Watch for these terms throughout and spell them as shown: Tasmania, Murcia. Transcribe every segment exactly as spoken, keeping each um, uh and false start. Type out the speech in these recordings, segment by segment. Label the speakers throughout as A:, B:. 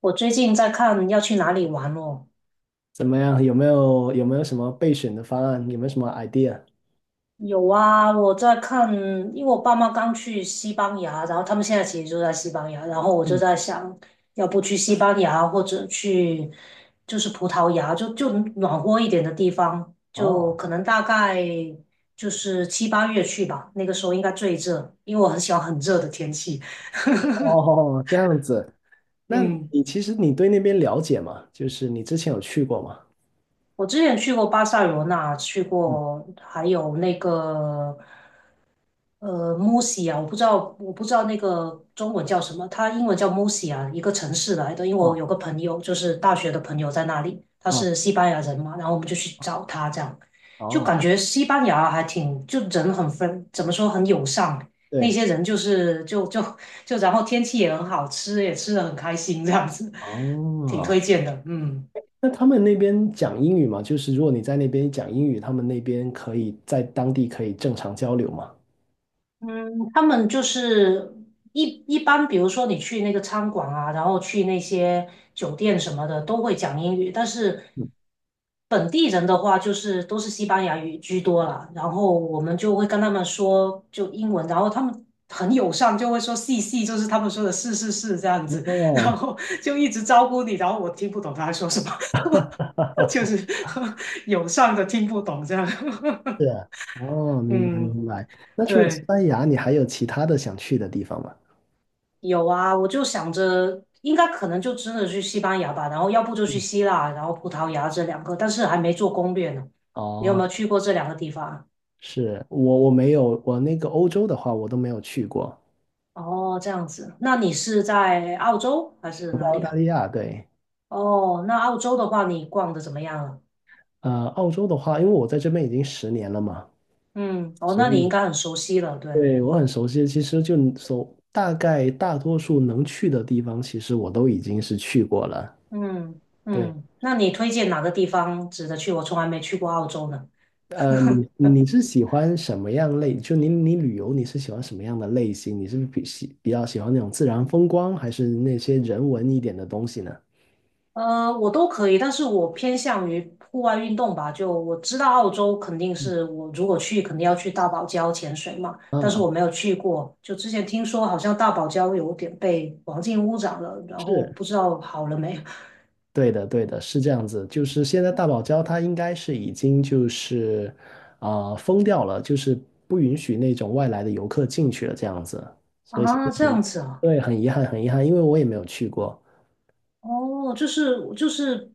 A: 我最近在看要去哪里玩哦。
B: 怎么样？有没有有没有什么备选的方案？有没有什么 idea？
A: 有啊，我在看，因为我爸妈刚去西班牙，然后他们现在其实就在西班牙，然后我就
B: 嗯。
A: 在想，要不去西班牙或者去就是葡萄牙，就就暖和一点的地方，就
B: 哦
A: 可能大概就是七八月去吧，那个时候应该最热，因为我很喜欢很热的天气。
B: 哦，这样子。那
A: 嗯，
B: 你其实你对那边了解吗？就是你之前有去过吗？
A: 我之前去过巴塞罗那，去
B: 嗯。
A: 过还有那个。呃 m u r i a 我不知道，我不知道那个中文叫什么，它英文叫 m u r i a 一个城市来的。因为我
B: 哦，
A: 有个朋友，就是大学的朋友在那里，他
B: 哦，
A: 是西班牙人嘛，然后我们就去找他，这样就
B: 哦，
A: 感觉西班牙还挺，就人很分，怎么说很友善，那
B: 对，
A: 些人就是就就就，然后天气也很好，吃也吃的很开心，这样子，挺
B: 哦，
A: 推荐的，嗯。
B: 那他们那边讲英语吗？就是如果你在那边讲英语，他们那边可以在当地可以正常交流吗？
A: 嗯，他们就是一一般，比如说你去那个餐馆啊，然后去那些酒店什么的，都会讲英语。但是
B: 嗯。
A: 本地人的话，就是都是西班牙语居多了。然后我们就会跟他们说就英文，然后他们很友善，就会说是是”，就是他们说的“是是是”这样子，然
B: 哦。
A: 后就一直招呼你，然后我听不懂他在说什么，就是 友善的听不懂这样。
B: 是 啊，哦，明白
A: 嗯，
B: 明白。那除了西
A: 对。
B: 班牙，你还有其他的想去的地方吗？
A: 有啊，我就想着应该可能就真的去西班牙吧，然后要不就去希腊，然后葡萄牙这两个，但是还没做攻略呢。你有没有
B: 哦。
A: 去过这两个地方啊？
B: 是，我我没有，我那个欧洲的话我都没有去过，
A: 哦，这样子，那你是在澳洲还是哪
B: 澳
A: 里
B: 大
A: 啊？
B: 利亚。对，
A: 哦，那澳洲的话，你逛的怎么样了？
B: 呃，澳洲的话，因为我在这边已经十年了嘛，
A: 嗯，哦，那
B: 所
A: 你应
B: 以
A: 该很熟悉了，对。
B: 对我很熟悉。其实就所大概大多数能去的地方，其实我都已经是去过了。
A: 嗯
B: 对，
A: 嗯，那你推荐哪个地方值得去？我从来没去过澳洲呢。
B: 呃，你你是喜欢什么样类？就你你旅游你是喜欢什么样的类型？你是比喜比较喜欢那种自然风光，还是那些人文一点的东西呢？
A: 呃，我都可以，但是我偏向于户外运动吧。就我知道澳洲肯定是我如果去肯定要去大堡礁潜水嘛，但是
B: 嗯，
A: 我没有去过。就之前听说好像大堡礁有点被环境污染了，然后
B: 是，
A: 不知道好了没。
B: 对的，对的，是这样子。就是现在大堡礁它应该是已经就是啊、呃封掉了，就是不允许那种外来的游客进去了这样子。所以现在
A: 啊？这
B: 很
A: 样子啊？
B: 对，很遗憾，很遗憾，因为我也没有去过，
A: 哦，就是就是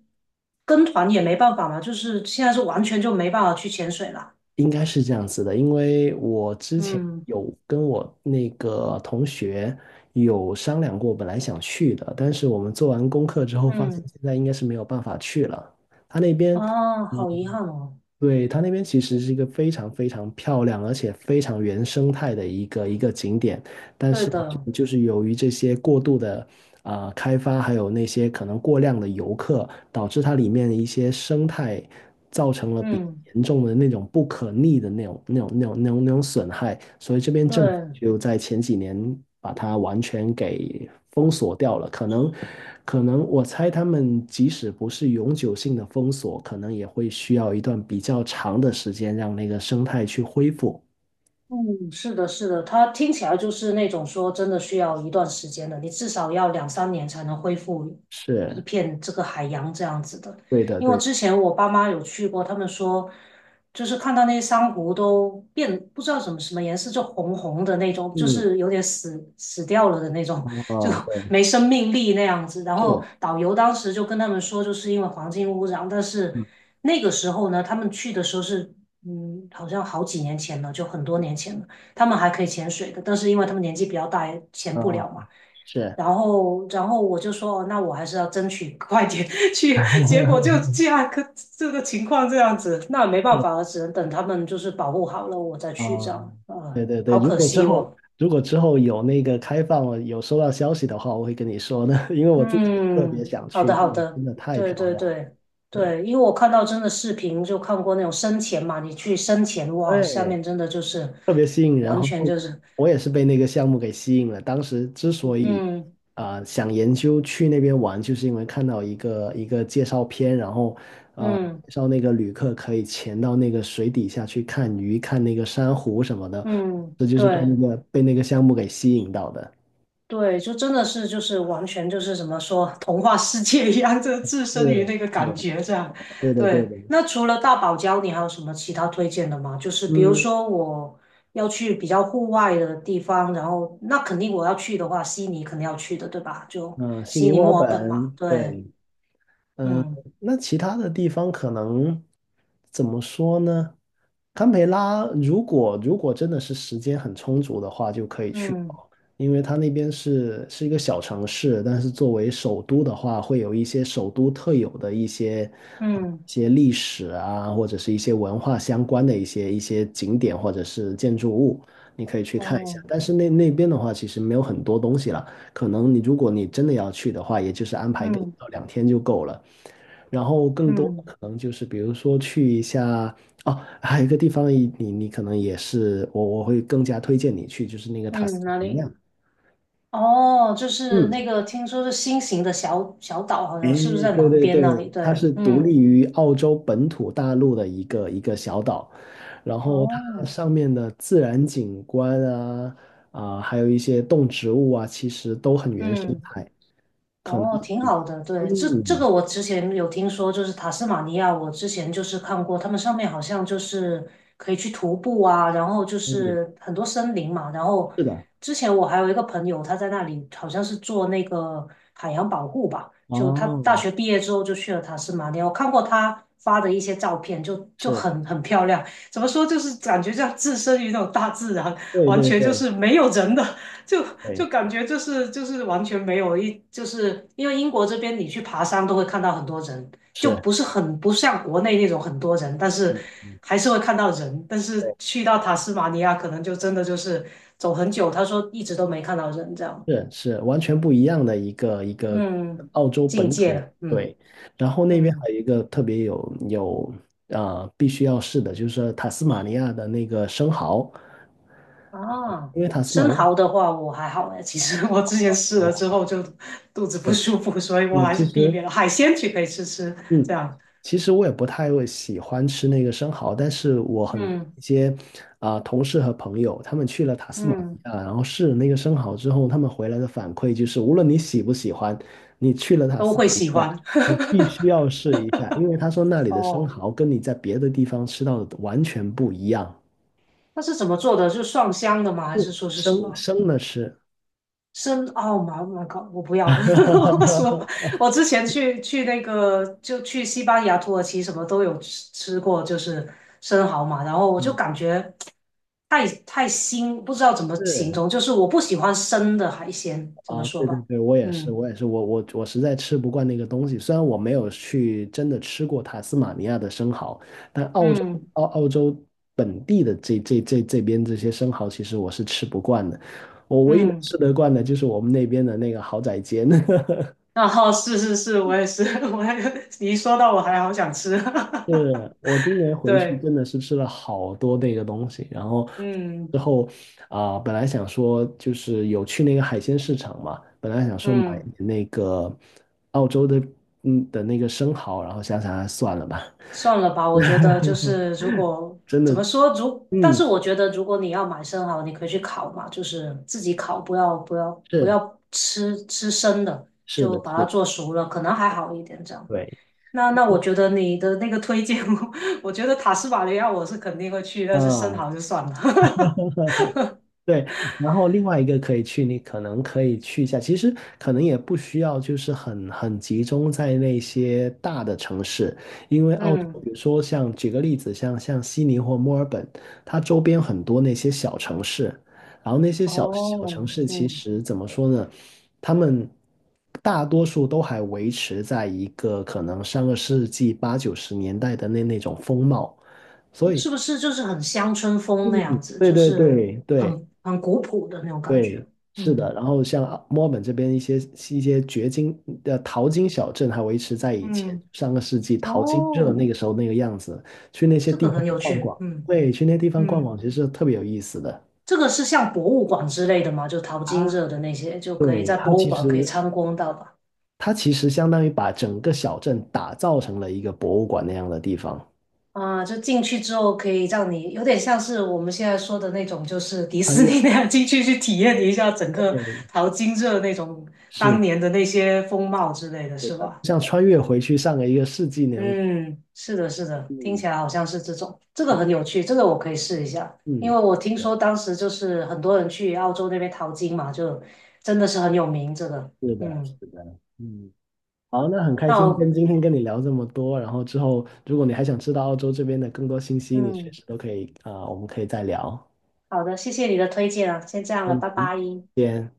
A: 跟团也没办法嘛，就是现在是完全就没办法去潜水了。
B: 应该是这样子的。因为我之前
A: 嗯
B: 有跟我那个同学有商量过，本来想去的，但是我们做完功课之后发现
A: 嗯，
B: 现在应该是没有办法去了。他那边。
A: 啊，
B: 呃
A: 好遗憾哦。
B: 对，它那边其实是一个非常非常漂亮，而且非常原生态的一个一个景点。但
A: 对
B: 是好
A: 的，
B: 像就是由于这些过度的啊、呃开发，还有那些可能过量的游客，导致它里面的一些生态造成了比较
A: 嗯，
B: 严重的那种不可逆的那种、那种、那种、那种、那种损害，所以这边政府
A: 对。
B: 就在前几年把它完全给封锁掉了。可能，可能我猜他们即使不是永久性的封锁，可能也会需要一段比较长的时间让那个生态去恢复。
A: 嗯，是的，是的，它听起来就是那种说真的需要一段时间的，你至少要两三年才能恢复一
B: 是，
A: 片这个海洋这样子的。
B: 对的，
A: 因为
B: 对的，
A: 之前我爸妈有去过，他们说就是看到那些珊瑚都变不知道什么什么颜色，就红红的那种，就
B: 嗯。
A: 是有点死死掉了的那种，就
B: 哦，对，
A: 没生命力那样子。然后
B: 是，
A: 导游当时就跟他们说，就是因为环境污染。但是
B: 嗯，
A: 那个时候呢，他们去的时候是，嗯，好像好几年前了，就很多年前了。他们还可以潜水的，但是因为他们年纪比较大，也潜不
B: 哦，
A: 了嘛。
B: 是。
A: 然后，然后我就说，哦那我还是要争取快点 去。结果就 这样，可这个情况这样子，那没办
B: 是，
A: 法了，只能等他们就是保护好了，我再去这
B: 哦，
A: 样。呃，
B: 对对对，
A: 好
B: 如
A: 可
B: 果之
A: 惜
B: 后
A: 哦。
B: 如果之后有那个开放，我有收到消息的话，我会跟你说的。因为我自己也特别
A: 嗯，
B: 想
A: 好的，
B: 去，
A: 好
B: 真
A: 的，
B: 的太
A: 对
B: 漂
A: 对
B: 亮了。
A: 对对，因为我看到真的视频，就看过那种深潜嘛，你去深潜，哇，
B: 对，
A: 下
B: 对。
A: 面真的就是
B: 特别吸引人。然
A: 完
B: 后
A: 全就是，
B: 我也是被那个项目给吸引了。当时之所以
A: 嗯
B: 啊、呃想研究去那边玩，就是因为看到一个一个介绍片，然后啊、呃
A: 嗯
B: 介绍那个旅客可以潜到那个水底下去看鱼、看那个珊瑚什么的，
A: 嗯，
B: 这就是被
A: 对
B: 那个被那个项目给吸引到的。
A: 对，就真的是就是完全就是怎么说童话世界一样，就置身于那
B: 是，
A: 个感
B: 是，
A: 觉这样。
B: 对的，对
A: 对，
B: 的。
A: 那除了大堡礁，你还有什么其他推荐的吗？就是比如
B: 嗯，
A: 说我要去比较户外的地方，然后那肯定我要去的话，悉尼肯定要去的，对吧？就
B: 嗯，悉
A: 悉
B: 尼、
A: 尼、
B: 墨尔
A: 墨尔本嘛。
B: 本，
A: 对，
B: 对，嗯。
A: 嗯
B: 那其他的地方可能怎么说呢？堪培拉如果如果真的是时间很充足的话，就可以去
A: 嗯
B: 哦，因为它那边是是一个小城市，但是作为首都的话，会有一些首都特有的一些啊
A: 嗯，
B: 一些历史啊，或者是一些文化相关的一些一些景点或者是建筑物，你可以去看一下。
A: 哦，
B: 但是那那边的话，其实没有很多东西了，可能你如果你真的要去的话，也就是安排个一
A: 嗯
B: 到两天就够了。然后更多的
A: 嗯
B: 可能就是比如说去一下。哦，还有一个地方你你你可能也是我我会更加推荐你去，就是那个塔
A: 嗯，
B: 斯马
A: 哪
B: 尼
A: 里？
B: 亚。
A: 哦，就是
B: 嗯，
A: 那个，听说是新型的小小岛，好
B: 哎，
A: 像是不是在
B: 对
A: 南
B: 对
A: 边
B: 对，
A: 那里？对，
B: 它是独立
A: 嗯，
B: 于澳洲本土大陆的一个一个小岛，然后它
A: 哦，
B: 上面的自然景观啊，啊、还有一些动植物啊，其实都很原生
A: 嗯，
B: 态，可能
A: 哦，挺
B: 比
A: 好的。对，这这
B: 嗯，
A: 个我之前有听说，就是塔斯马尼亚，我之前就是看过，他们上面好像就是可以去徒步啊，然后就
B: 对，
A: 是很多森林嘛。然后
B: 是的。
A: 之前我还有一个朋友，他在那里好像是做那个海洋保护吧，就他大
B: 哦，
A: 学毕业之后就去了塔斯马尼亚，我看过他发的一些照片就，就
B: 是，
A: 很很漂亮。怎么说，就是感觉像置身于那种大自然，
B: 对
A: 完
B: 对
A: 全
B: 对
A: 就是没有人的，就就
B: 对，
A: 感觉就是就是完全没有一，就是因为英国这边你去爬山都会看到很多人，就
B: 是。
A: 不是很不像国内那种很多人，但是
B: 嗯嗯，
A: 还是会看到人。但是
B: 对，
A: 去到塔斯马尼亚，可能就真的就是走很久，他说一直都没看到人这样。
B: 是是完全不一样的一个一个
A: 嗯，
B: 澳洲
A: 境
B: 本
A: 界
B: 土，
A: 了，嗯
B: 对。然后那边还
A: 嗯
B: 有一个特别有有啊、呃必须要试的，就是塔斯马尼亚的那个生蚝，
A: 啊，
B: 因为塔斯马
A: 生
B: 尼亚
A: 蚝的话我还好哎，其实我之前试了
B: 啊。
A: 之后就肚子不舒服，所以我
B: 嗯，
A: 还
B: 其
A: 是避
B: 实
A: 免了海鲜去可以吃吃这
B: 嗯，
A: 样。
B: 其实我也不太会喜欢吃那个生蚝，但是我很多
A: 嗯
B: 一些啊、同事和朋友，他们去了塔斯马尼
A: 嗯。
B: 亚，然后试了那个生蚝之后，他们回来的反馈就是，无论你喜不喜欢，你去了塔
A: 都
B: 斯
A: 会
B: 马尼
A: 喜
B: 亚。
A: 欢。
B: 必须要试一下，因为他说那里的生
A: 哦，
B: 蚝跟你在别的地方吃到的完全不一样。
A: 那是怎么做的？是蒜香的吗？还是
B: 不，
A: 说是什
B: 生
A: 么
B: 生的吃。
A: 生奥吗？Oh my god！我不要，我说 我之前去去那个就去西班牙、土耳其什么都有吃吃过，就是生蚝嘛，然后我就
B: 嗯，
A: 感觉太太腥，不知道怎么形
B: 是
A: 容，就是我不喜欢生的海鲜，怎么
B: 啊，
A: 说
B: 对对
A: 吧？
B: 对，我也是，
A: 嗯
B: 我也是，我我我实在吃不惯那个东西。虽然我没有去真的吃过塔斯马尼亚的生蚝，
A: 嗯
B: 澳澳洲本地的这这这这边这些生蚝，其实我是吃不惯的。我唯一能
A: 嗯，
B: 吃得惯的就是我们那边的那个蚝仔煎。
A: 然后是是是，我也是，我还你一说到我还好想吃，
B: 是，我今年 回去
A: 对，
B: 真的是吃了好多那个东西，然后
A: 嗯。
B: 之后啊、本来想说就是有去那个海鲜市场嘛，本来想说买
A: 嗯，
B: 那个澳洲的嗯的那个生蚝，然后想想还算了吧，
A: 算了吧，我觉得就是如果
B: 真的。
A: 怎么说，如但
B: 嗯，
A: 是我觉得如果你要买生蚝，你可以去烤嘛，就是自己烤，不要不要不
B: 是，
A: 要吃吃生的，
B: 是
A: 就
B: 的，
A: 把
B: 是
A: 它
B: 的，
A: 做熟了，可能还好一点这样。
B: 对
A: 那那我觉得你的那个推荐，我我觉得塔斯马尼亚我是肯定会去，但是生
B: 啊，
A: 蚝就算了。
B: 对，然后另外一个可以去，你可能可以去一下，其实可能也不需要，就是很很集中在那些大的城市，因为 澳洲，
A: 嗯，
B: 比如说像举个例子，像像悉尼或墨尔本，它周边很多那些小城市，然后那些小小
A: 哦，
B: 城市其
A: 嗯，
B: 实怎么说呢，他们大多数都还维持在一个可能上个世纪八九十年代的那那种风貌，所以。
A: 是不是就是很乡村风
B: 嗯，
A: 那样子，
B: 对
A: 就
B: 对
A: 是
B: 对对。
A: 很很古朴的那种感
B: 对，
A: 觉？
B: 是的。
A: 嗯
B: 然后像啊墨尔本这边一些一些掘金的淘金小镇，还维持在以前
A: 嗯。
B: 上个世纪淘金热
A: 哦，
B: 那个时候那个样子。去那些
A: 这
B: 地
A: 个
B: 方
A: 很有
B: 逛
A: 趣，
B: 逛，
A: 嗯
B: 对，去那些地方逛
A: 嗯，
B: 逛，其实特别有意思的。
A: 这个是像博物馆之类的吗？就淘
B: 啊，
A: 金热的那些，就可以
B: 对，
A: 在
B: 它
A: 博物
B: 其
A: 馆可以
B: 实
A: 参观到吧？
B: 它其实相当于把整个小镇打造成了一个博物馆那样的地方。
A: 啊，就进去之后可以让你有点像是我们现在说的那种，就是迪
B: 穿
A: 士
B: 越，
A: 尼那样进去去体验一下整个
B: 对，
A: 淘金热那种当
B: 是
A: 年的那些风貌之类的，
B: 是
A: 是
B: 的，
A: 吧？
B: 像穿越回去上个一个世纪那种。
A: 嗯，是的，是的，听
B: 嗯
A: 起来好像是这种，这个很有趣，这个我可以试一下，因
B: 嗯，
A: 为我听
B: 对，
A: 说当时就是很多人去澳洲那边淘金嘛，就真的是很有名这个，
B: 是的，
A: 嗯，
B: 是的，嗯。好，那很开
A: 那
B: 心跟
A: 我，
B: 今天跟你聊这么多，然后之后如果你还想知道澳洲这边的更多信息，你随
A: 嗯，
B: 时都可以啊、呃我们可以再聊。
A: 好的，谢谢你的推荐啊，先这样了，
B: 嗯，
A: 拜拜。
B: 再见。